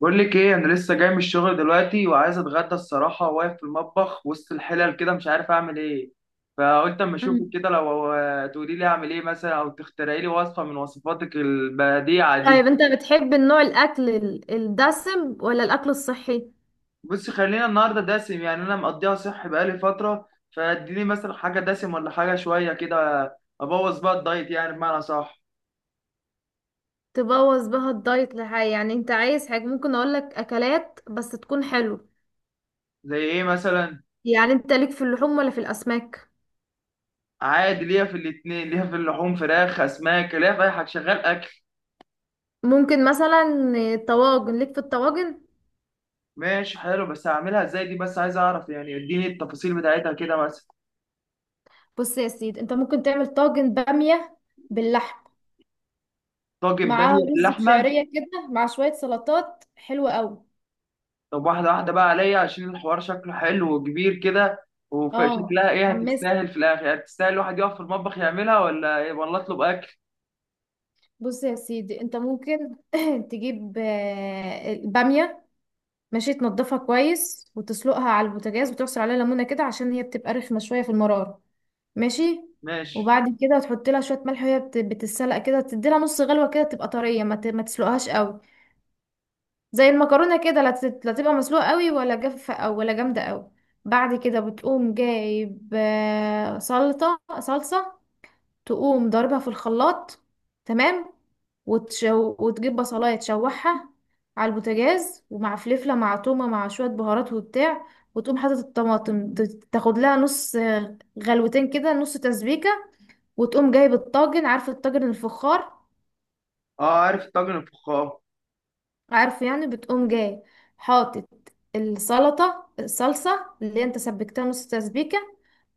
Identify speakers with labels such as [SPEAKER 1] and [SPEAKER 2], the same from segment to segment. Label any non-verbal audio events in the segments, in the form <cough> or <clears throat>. [SPEAKER 1] بقول لك ايه؟ انا لسه جاي من الشغل دلوقتي وعايز اتغدى الصراحه، واقف في المطبخ وسط الحلل كده مش عارف اعمل ايه. فقلت اما اشوفك
[SPEAKER 2] مم.
[SPEAKER 1] كده لو تقولي لي اعمل ايه مثلا، او تخترعي لي وصفه من وصفاتك البديعه دي.
[SPEAKER 2] طيب، انت بتحب النوع الاكل الدسم ولا الاكل الصحي؟
[SPEAKER 1] بصي، خلينا النهارده دسم، يعني انا مقضيها صحي بقالي فتره. فاديني مثلا حاجه دسم ولا حاجه شويه كده. ابوظ بقى الدايت، يعني بمعنى صح.
[SPEAKER 2] تبوظ بها الدايت لحاجة؟ يعني انت عايز حاجة ممكن اقولك اكلات بس تكون حلو.
[SPEAKER 1] زي ايه مثلا؟
[SPEAKER 2] يعني انت ليك في اللحوم ولا في الاسماك؟
[SPEAKER 1] عادي، ليا في الاتنين، ليا في اللحوم، فراخ، اسماك، ليا في اي حاجه، شغال اكل.
[SPEAKER 2] ممكن مثلا طواجن، ليك في الطواجن؟
[SPEAKER 1] ماشي، حلو، بس هعملها ازاي دي؟ بس عايز اعرف يعني، اديني التفاصيل بتاعتها كده مثلا.
[SPEAKER 2] بص يا سيدي، انت ممكن تعمل طاجن بامية باللحم،
[SPEAKER 1] طاجن
[SPEAKER 2] معاه
[SPEAKER 1] بامية
[SPEAKER 2] رز
[SPEAKER 1] باللحمة.
[SPEAKER 2] بشعرية كده، مع شوية سلطات حلوة قوي.
[SPEAKER 1] طب واحدة واحدة بقى عليا، عشان الحوار شكله حلو وكبير كده.
[SPEAKER 2] اه،
[SPEAKER 1] وشكلها ايه،
[SPEAKER 2] حمست.
[SPEAKER 1] هتستاهل في الاخر؟ يعني تستاهل الواحد يقف في المطبخ يعملها، ولا ايه، ولا اطلب اكل؟
[SPEAKER 2] بص يا سيدي، انت ممكن <clears throat> تجيب البامية. ماشي، تنضفها كويس وتسلقها على البوتاجاز وتعصر عليها ليمونه كده، عشان هي بتبقى رخمه شويه في المراره. ماشي.
[SPEAKER 1] ماشي.
[SPEAKER 2] وبعد كده تحط لها شويه ملح، وهي بتتسلق كده، تدي لها نص غلوه كده تبقى طريه، ما تسلقهاش قوي. زي المكرونه كده، لا تبقى مسلوقه قوي ولا جافه او ولا جامده قوي. بعد كده بتقوم جايب سلطه صلصه، تقوم ضاربها في الخلاط. تمام. وتجيب بصلاية تشوحها على البوتاجاز، ومع فلفلة مع تومة مع شوية بهارات وبتاع، وتقوم حاطط الطماطم، تاخد لها نص غلوتين كده، نص تسبيكة. وتقوم جايب الطاجن، عارف الطاجن الفخار؟
[SPEAKER 1] اه، عارف الطاجن الفخار.
[SPEAKER 2] عارفه، يعني بتقوم جاي حاطط السلطة الصلصة اللي انت سبكتها نص تسبيكة،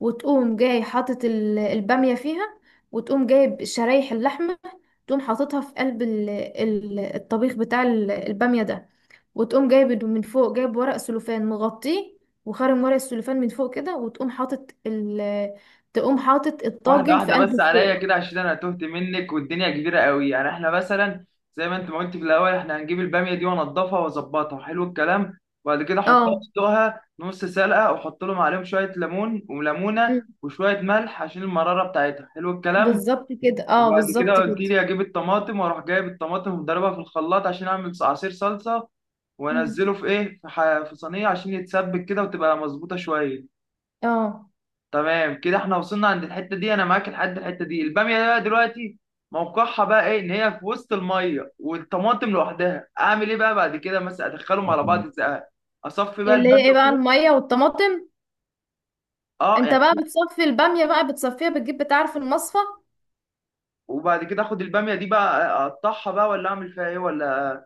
[SPEAKER 2] وتقوم جاي حاطط البامية فيها، وتقوم جايب شرايح اللحمة، تقوم حاططها في قلب الطبيخ بتاع البامية ده، وتقوم جايب من فوق، جايب ورق سلوفان مغطيه، وخارم ورق السلوفان من فوق كده، وتقوم حاطط ال تقوم حاطط
[SPEAKER 1] واحدة
[SPEAKER 2] الطاجن في
[SPEAKER 1] واحدة
[SPEAKER 2] قلب
[SPEAKER 1] بس عليا
[SPEAKER 2] الفرن.
[SPEAKER 1] كده، عشان أنا تهت منك والدنيا كبيرة قوي. يعني إحنا مثلا زي ما أنت ما قلت في الأول، إحنا هنجيب البامية دي وأنضفها وأظبطها، حلو الكلام. وبعد كده أحطها،
[SPEAKER 2] اه.
[SPEAKER 1] أسلقها نص سلقة، وأحط لهم عليهم شوية ليمون وليمونة
[SPEAKER 2] مم.
[SPEAKER 1] وشوية ملح عشان المرارة بتاعتها، حلو الكلام.
[SPEAKER 2] بالظبط كده، اه
[SPEAKER 1] وبعد كده
[SPEAKER 2] بالظبط
[SPEAKER 1] قلت
[SPEAKER 2] كده.
[SPEAKER 1] لي أجيب الطماطم، وأروح جايب الطماطم ومضربها في الخلاط عشان أعمل عصير صلصة،
[SPEAKER 2] مم.
[SPEAKER 1] وأنزله في في صينية عشان يتسبك كده وتبقى مظبوطة شوية.
[SPEAKER 2] اه.
[SPEAKER 1] تمام كده، احنا وصلنا عند الحته دي، انا معاك لحد الحته دي. الباميه بقى دلوقتي موقعها بقى ايه؟ ان هي في وسط الميه والطماطم لوحدها، اعمل ايه بقى بعد كده؟ مثلا ادخلهم على بعض ازاي؟ اصفي بقى
[SPEAKER 2] اللي
[SPEAKER 1] الباميه
[SPEAKER 2] هي ايه بقى
[SPEAKER 1] وكده.
[SPEAKER 2] الميه والطماطم؟
[SPEAKER 1] اه
[SPEAKER 2] انت بقى
[SPEAKER 1] يعني.
[SPEAKER 2] بتصفي الباميه بقى، بتصفيها، بتجيب بتاع في المصفى.
[SPEAKER 1] وبعد كده اخد الباميه دي بقى اقطعها بقى، ولا اعمل فيها ايه، ولا؟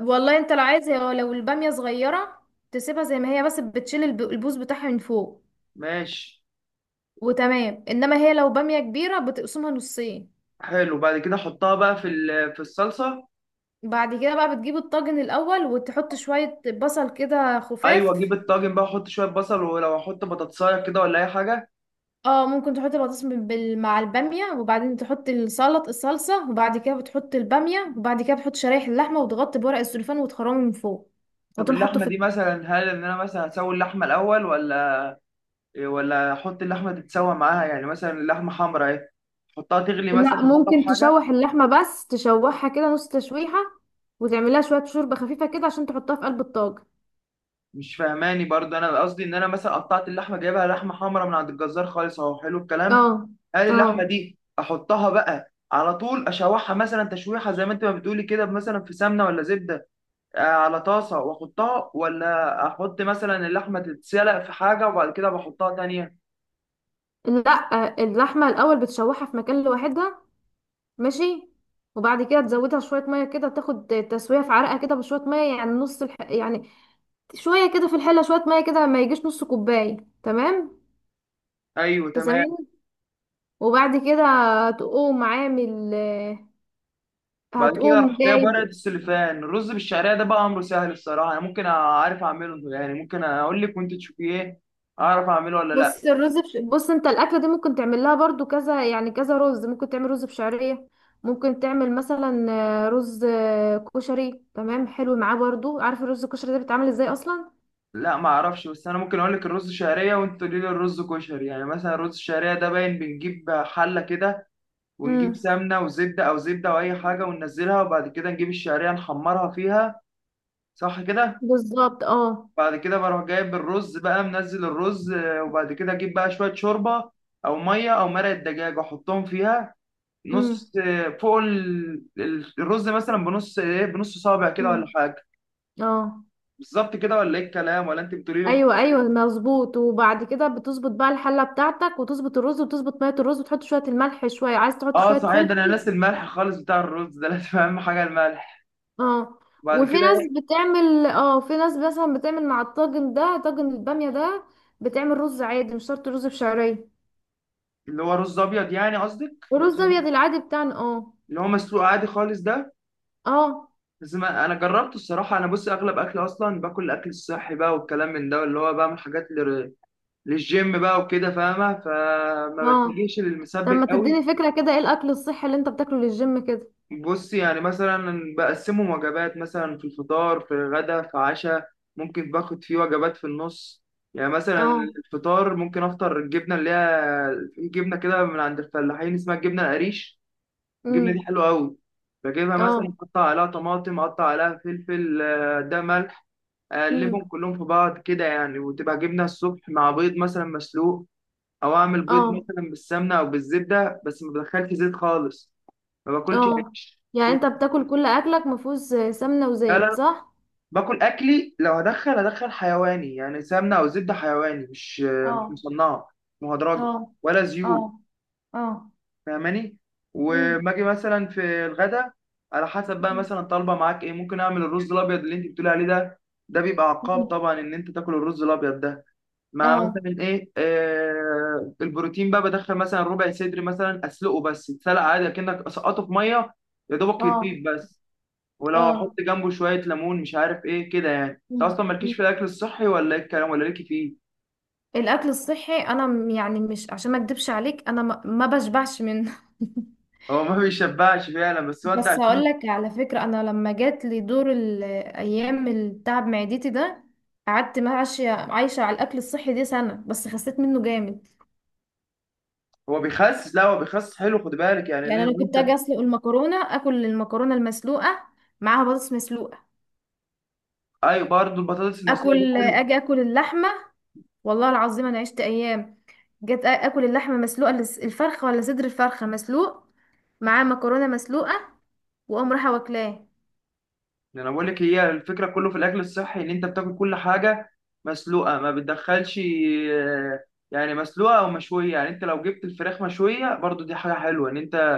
[SPEAKER 2] والله، انت لو عايز لو الباميه صغيره تسيبها زي ما هي، بس بتشيل البوز بتاعها من فوق،
[SPEAKER 1] ماشي.
[SPEAKER 2] وتمام. انما هي لو باميه كبيره بتقسمها نصين.
[SPEAKER 1] حلو، بعد كده احطها بقى في الصلصه.
[SPEAKER 2] بعد كده بقى بتجيب الطاجن الاول وتحط شويه بصل كده خفاف.
[SPEAKER 1] ايوه، اجيب الطاجن بقى، احط شويه بصل، ولو احط بطاطسايه كده، ولا اي حاجه.
[SPEAKER 2] اه، ممكن تحط البطاطس مع الباميه، وبعدين تحط السلط الصلصه، وبعد كده بتحط الباميه، وبعد كده بتحط شرايح اللحمه، وتغطي بورق السلوفان وتخرمه من فوق،
[SPEAKER 1] طب
[SPEAKER 2] وتقوم حاطه
[SPEAKER 1] اللحمه
[SPEAKER 2] في.
[SPEAKER 1] دي مثلا، هل ان انا مثلا اسوي اللحمه الاول ولا احط اللحمه تتسوى معاها؟ يعني مثلا اللحمه حمراء اهي، احطها تغلي مثلا
[SPEAKER 2] لا،
[SPEAKER 1] في المطبخ
[SPEAKER 2] ممكن
[SPEAKER 1] حاجه؟
[SPEAKER 2] تشوح اللحمة بس، تشوحها كده نص تشويحة، وتعملها شوية شوربة خفيفة كده عشان تحطها في قلب الطاجن.
[SPEAKER 1] مش فاهماني برضه. انا قصدي ان انا مثلا قطعت اللحمه، جايبها لحمه حمراء من عند الجزار خالص اهو، حلو الكلام.
[SPEAKER 2] اه.
[SPEAKER 1] هل اللحمه
[SPEAKER 2] اه.
[SPEAKER 1] دي احطها بقى على طول اشوحها مثلا تشويحه زي ما انت ما بتقولي كده، مثلا في سمنه ولا زبده، على طاسه واحطها، ولا احط مثلا اللحمه تتسلق في حاجه وبعد كده بحطها تانية؟
[SPEAKER 2] لا، اللحمة الأول بتشوحها في مكان لوحدها. ماشي. وبعد كده تزودها شوية مية كده، تاخد تسوية في عرقها كده بشوية مية، يعني يعني شوية كده في الحلة، شوية مية كده ما يجيش نص كوباية. تمام.
[SPEAKER 1] ايوه تمام.
[SPEAKER 2] تسامحني. وبعد كده تقوم عامل،
[SPEAKER 1] بعد كده
[SPEAKER 2] هتقوم
[SPEAKER 1] اروح جايب ورقه
[SPEAKER 2] جايب.
[SPEAKER 1] السلوفان. الرز بالشعريه ده بقى امره سهل الصراحه، انا ممكن اعرف اعمله يعني. ممكن اقول لك وانت تشوفي ايه، اعرف اعمله ولا لا.
[SPEAKER 2] بص انت الاكله دي ممكن تعمل لها برضو كذا، يعني كذا رز. ممكن تعمل رز بشعريه، ممكن تعمل مثلا رز كشري، تمام، حلو معاه برضو. عارف الرز الكشري ده بيتعمل ازاي اصلا؟
[SPEAKER 1] لا، ما اعرفش، بس انا ممكن اقول لك الرز شعريه وانت تقولي لي الرز كشري. يعني مثلا الرز الشعريه ده باين بنجيب حله كده، ونجيب
[SPEAKER 2] امم.
[SPEAKER 1] سمنه وزبده، او زبده او اي حاجه، وننزلها، وبعد كده نجيب الشعريه نحمرها فيها. صح كده؟
[SPEAKER 2] بالظبط، اه.
[SPEAKER 1] بعد كده بروح جايب الرز بقى، منزل الرز، وبعد كده اجيب بقى شويه شوربه او ميه او مرقه دجاج واحطهم فيها
[SPEAKER 2] امم.
[SPEAKER 1] نص فوق الرز، مثلا بنص ايه، بنص صابع كده ولا
[SPEAKER 2] امم.
[SPEAKER 1] حاجه.
[SPEAKER 2] اه.
[SPEAKER 1] بالظبط كده ولا ايه الكلام، ولا انت بتقولي له؟
[SPEAKER 2] ايوه، ايوه مظبوط. وبعد كده بتظبط بقى الحله بتاعتك، وتظبط الرز وتظبط ميه الرز وتحط شويه الملح، شويه عايز تحط
[SPEAKER 1] اه
[SPEAKER 2] شويه
[SPEAKER 1] صحيح، ده انا
[SPEAKER 2] فلفل.
[SPEAKER 1] ناسي الملح خالص بتاع الرز ده، لازم اهم حاجه الملح.
[SPEAKER 2] اه.
[SPEAKER 1] وبعد
[SPEAKER 2] وفي
[SPEAKER 1] كده
[SPEAKER 2] ناس
[SPEAKER 1] ايه؟
[SPEAKER 2] بتعمل، في ناس مثلا بتعمل مع الطاجن ده، طاجن البامية ده، بتعمل رز عادي، مش شرط رز بشعرية.
[SPEAKER 1] اللي هو رز ابيض يعني، قصدك رز
[SPEAKER 2] ورز ابيض
[SPEAKER 1] أبيض؟
[SPEAKER 2] العادي بتاعنا، اه.
[SPEAKER 1] اللي هو مسلوق عادي خالص ده.
[SPEAKER 2] اه.
[SPEAKER 1] بس ما انا جربته الصراحه. انا بص، اغلب اكل اصلا باكل الاكل الصحي بقى والكلام من ده، اللي هو بعمل حاجات للجيم بقى وكده، فاهمه، فما
[SPEAKER 2] اه.
[SPEAKER 1] بتجيش
[SPEAKER 2] طب
[SPEAKER 1] للمسبك
[SPEAKER 2] ما
[SPEAKER 1] قوي.
[SPEAKER 2] تديني فكرة كده، ايه الاكل الصحي اللي انت بتاكله للجيم كده؟
[SPEAKER 1] بص يعني مثلا بقسمهم وجبات مثلا، في الفطار، في الغدا، في عشاء. ممكن باخد فيه وجبات في النص. يعني مثلا
[SPEAKER 2] اه.
[SPEAKER 1] الفطار، ممكن افطر الجبنه اللي هي في جبنه كده من عند الفلاحين اسمها الجبنه القريش. الجبنه دي
[SPEAKER 2] امم.
[SPEAKER 1] حلوه قوي. بجيبها مثلا،
[SPEAKER 2] اه.
[SPEAKER 1] اقطع عليها طماطم، اقطع عليها فلفل، ده ملح،
[SPEAKER 2] امم.
[SPEAKER 1] اقلبهم كلهم في بعض كده يعني، وتبقى جبنه الصبح مع بيض مثلا مسلوق، او اعمل بيض
[SPEAKER 2] اه.
[SPEAKER 1] مثلا بالسمنه او بالزبده، بس ما بدخلش زيت خالص. ما باكلش
[SPEAKER 2] اه.
[SPEAKER 1] عيش.
[SPEAKER 2] يعني انت بتاكل كل اكلك مفيهوش سمنة
[SPEAKER 1] لا،
[SPEAKER 2] وزيت،
[SPEAKER 1] لا،
[SPEAKER 2] صح؟
[SPEAKER 1] باكل اكلي. لو هدخل هدخل حيواني، يعني سمنه او زبده حيواني، مش
[SPEAKER 2] اه.
[SPEAKER 1] مصنعه، مهدرجه،
[SPEAKER 2] اه.
[SPEAKER 1] ولا
[SPEAKER 2] اه.
[SPEAKER 1] زيوت.
[SPEAKER 2] اه.
[SPEAKER 1] فاهماني؟
[SPEAKER 2] امم.
[SPEAKER 1] وما اجي مثلا في الغدا، على حسب بقى مثلا طالبه معاك ايه. ممكن اعمل الرز الابيض اللي انت بتقولي عليه ده. ده بيبقى عقاب
[SPEAKER 2] أمم.
[SPEAKER 1] طبعا ان انت تاكل الرز الابيض ده، مع
[SPEAKER 2] اه.
[SPEAKER 1] مثلا ايه البروتين بقى. بدخل مثلا ربع صدر مثلا، اسلقه بس يتسلق عادي كأنك سقطه في ميه، يا دوبك
[SPEAKER 2] اه.
[SPEAKER 1] يطيب بس. ولو احط جنبه شويه ليمون، مش عارف ايه كده، يعني انت اصلا مالكيش
[SPEAKER 2] اه.
[SPEAKER 1] في الاكل الصحي، ولا ايه الكلام، ولا ليكي فيه؟
[SPEAKER 2] الاكل الصحي انا يعني، مش عشان ما اكدبش عليك، انا ما بشبعش منه <laughs>
[SPEAKER 1] هو ما <laughs> بيشبعش فعلا، بس هو انت
[SPEAKER 2] بس
[SPEAKER 1] عشان
[SPEAKER 2] هقول لك على فكره، انا لما جات لي دور الايام التعب معدتي ده، قعدت ماشيه عايشه على الاكل الصحي دي سنه، بس خسيت منه جامد.
[SPEAKER 1] هو بيخسس. لا، هو بيخسس، حلو، خد بالك يعني ان
[SPEAKER 2] يعني انا كنت
[SPEAKER 1] انت.
[SPEAKER 2] اجي اسلق المكرونه، اكل المكرونه المسلوقه معاها بطاطس مسلوقه،
[SPEAKER 1] ايوه، برضه البطاطس المسلوقه دي
[SPEAKER 2] اكل،
[SPEAKER 1] حلو.
[SPEAKER 2] اجي اكل اللحمه. والله العظيم انا عشت ايام، جيت اكل اللحمه مسلوقه، الفرخه ولا صدر الفرخه مسلوق معاه مكرونه مسلوقه، واقوم رايحه واكلاه.
[SPEAKER 1] يعني انا بقول لك هي الفكره، كله في الاكل الصحي ان انت بتاكل كل حاجه مسلوقه، ما بتدخلش. آه، يعني مسلوقه او مشويه. يعني انت لو جبت الفراخ مشويه برضه، دي حاجه حلوه ان انت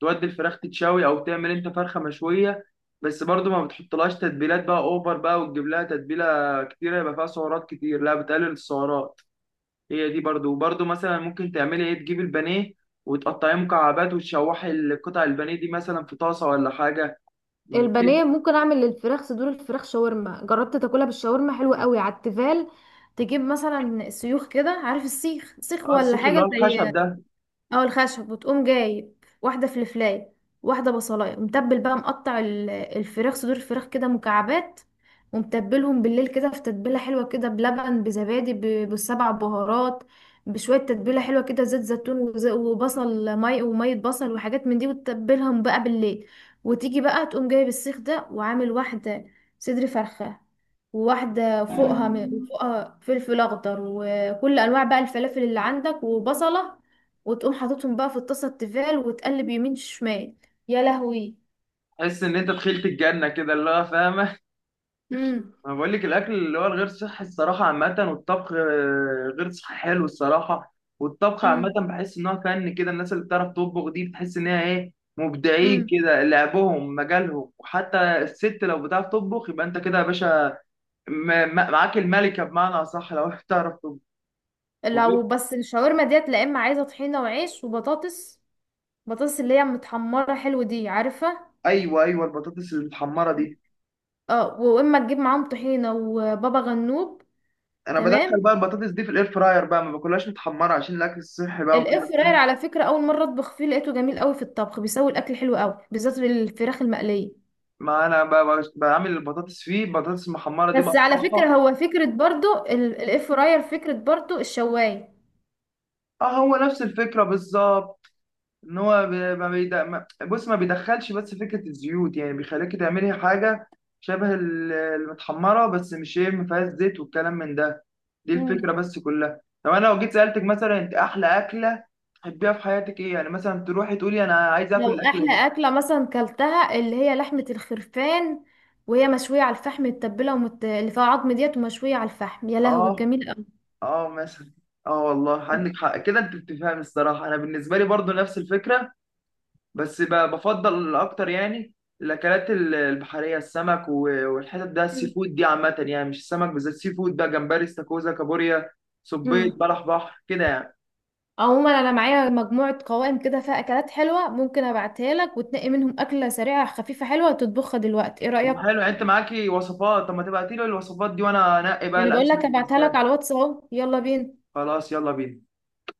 [SPEAKER 1] تودي الفراخ تتشوي او تعمل انت فرخه مشويه. بس برضو ما بتحطلهاش تتبيلات بقى اوفر بقى، وتجيب لها تتبيله كتيره يبقى فيها سعرات كتير، لا بتقلل السعرات. هي دي وبرضو مثلا ممكن تعملي ايه، تجيبي البانيه وتقطعيه مكعبات وتشوحي القطع البانيه دي مثلا في طاسه ولا حاجه، كده.
[SPEAKER 2] البانيه ممكن اعمل للفراخ، صدور الفراخ شاورما، جربت تاكلها بالشاورما؟ حلوه قوي على التيفال. تجيب مثلا سيوخ كده، عارف السيخ، سيخ
[SPEAKER 1] اه،
[SPEAKER 2] ولا
[SPEAKER 1] السيخ اللي هو
[SPEAKER 2] حاجه زي.
[SPEAKER 1] الخشب ده.
[SPEAKER 2] اه، الخشب. وتقوم جايب واحده فلفلايه، واحده بصلايه، ومتبل بقى، مقطع الفراخ، صدور الفراخ كده مكعبات، ومتبلهم بالليل كده في تتبيله حلوه كده، بلبن، بزبادي، بالسبع بهارات، بشويه تتبيله حلوه كده، زيت زيتون، وبصل، وميه، بصل وحاجات من دي، وتتبلهم بقى بالليل، وتيجي بقى تقوم جايب السيخ ده وعامل واحده صدر فرخه، وواحدة فوقها فلفل أخضر، وكل أنواع بقى الفلافل اللي عندك، وبصلة، وتقوم حاططهم بقى في الطاسة التيفال، وتقلب يمين شمال. يا لهوي.
[SPEAKER 1] تحس ان انت دخلت الجنه كده، اللي هو فاهمه.
[SPEAKER 2] امم.
[SPEAKER 1] انا بقول لك الاكل اللي هو الغير صحي الصراحه عامه، والطبخ غير صحي حلو الصراحه. والطبخ عامه
[SPEAKER 2] امم.
[SPEAKER 1] بحس ان هو فن كده، الناس اللي بتعرف تطبخ دي بتحس ان هي ايه، مبدعين
[SPEAKER 2] امم.
[SPEAKER 1] كده، لعبهم مجالهم. وحتى الست لو بتعرف تطبخ، يبقى انت كده يا باشا، معاك الملكه بمعنى اصح لو <laughs> بتعرف تطبخ. وغير-
[SPEAKER 2] لو بس الشاورما ديت، لا اما عايزة طحينة وعيش وبطاطس، بطاطس اللي هي متحمرة حلو دي، عارفة؟
[SPEAKER 1] ايوه، ايوه، البطاطس المتحمره دي،
[SPEAKER 2] اه. واما تجيب معاهم طحينة وبابا غنوج.
[SPEAKER 1] انا بدخل بقى
[SPEAKER 2] تمام.
[SPEAKER 1] البطاطس دي في الاير فراير بقى، ما باكلهاش متحمره عشان الاكل الصحي بقى وكده،
[SPEAKER 2] الاير فراير
[SPEAKER 1] فاهم.
[SPEAKER 2] على فكرة اول مرة اطبخ فيه لقيته جميل قوي في الطبخ، بيسوي الاكل حلو قوي بالذات الفراخ المقلية.
[SPEAKER 1] ما انا بعمل البطاطس فيه، البطاطس المحمره دي
[SPEAKER 2] بس على
[SPEAKER 1] بقطعها.
[SPEAKER 2] فكرة هو فكرة برضو الاير فراير، فكرة برضو الشواية.
[SPEAKER 1] اه، هو نفس الفكرة بالظبط. ان هو ب- ما بيد... ما... بص ما بيدخلش، بس فكرة الزيوت، يعني بيخليكي تعملي حاجة شبه المتحمرة بس، مش ايه، ما فيهاش زيت والكلام من ده. دي
[SPEAKER 2] مم.
[SPEAKER 1] الفكرة بس كلها. طب انا لو جيت سألتك مثلا، انت احلى أكلة تحبيها في حياتك ايه، يعني مثلا تروحي تقولي انا عايز اكل
[SPEAKER 2] لو
[SPEAKER 1] الأكلة
[SPEAKER 2] احلى
[SPEAKER 1] دي؟
[SPEAKER 2] اكله مثلا كلتها، اللي هي لحمه الخرفان وهي مشويه على الفحم متبله اللي فيها عظم ديت ومشويه على الفحم، يا لهوي
[SPEAKER 1] اه.
[SPEAKER 2] جميل قوي.
[SPEAKER 1] اه مثلا. اه، والله عندك حق كده، انت بتفهمي الصراحة. انا بالنسبة لي برضو نفس الفكرة، بس بفضل اكتر، يعني الاكلات البحريه، السمك والحتت ده، السي فود دي عامه يعني، مش السمك بالذات، سي فود بقى، جمبري، استاكوزا، كابوريا، صبيط،
[SPEAKER 2] امم.
[SPEAKER 1] بلح بحر كده يعني.
[SPEAKER 2] عموما انا معايا مجموعه قوائم كده فيها اكلات حلوه، ممكن ابعتها لك وتنقي منهم اكله سريعه خفيفه حلوه وتطبخها دلوقتي، ايه
[SPEAKER 1] طب
[SPEAKER 2] رايك؟
[SPEAKER 1] حلو، يعني انت معاكي وصفات، طب ما تبعتي لي الوصفات دي وانا انقي بقى
[SPEAKER 2] انا بقول
[SPEAKER 1] الاسهل
[SPEAKER 2] لك ابعتها
[SPEAKER 1] بالنسبه
[SPEAKER 2] لك
[SPEAKER 1] لي.
[SPEAKER 2] على الواتس، اهو يلا بينا.
[SPEAKER 1] خلاص، يلا بينا.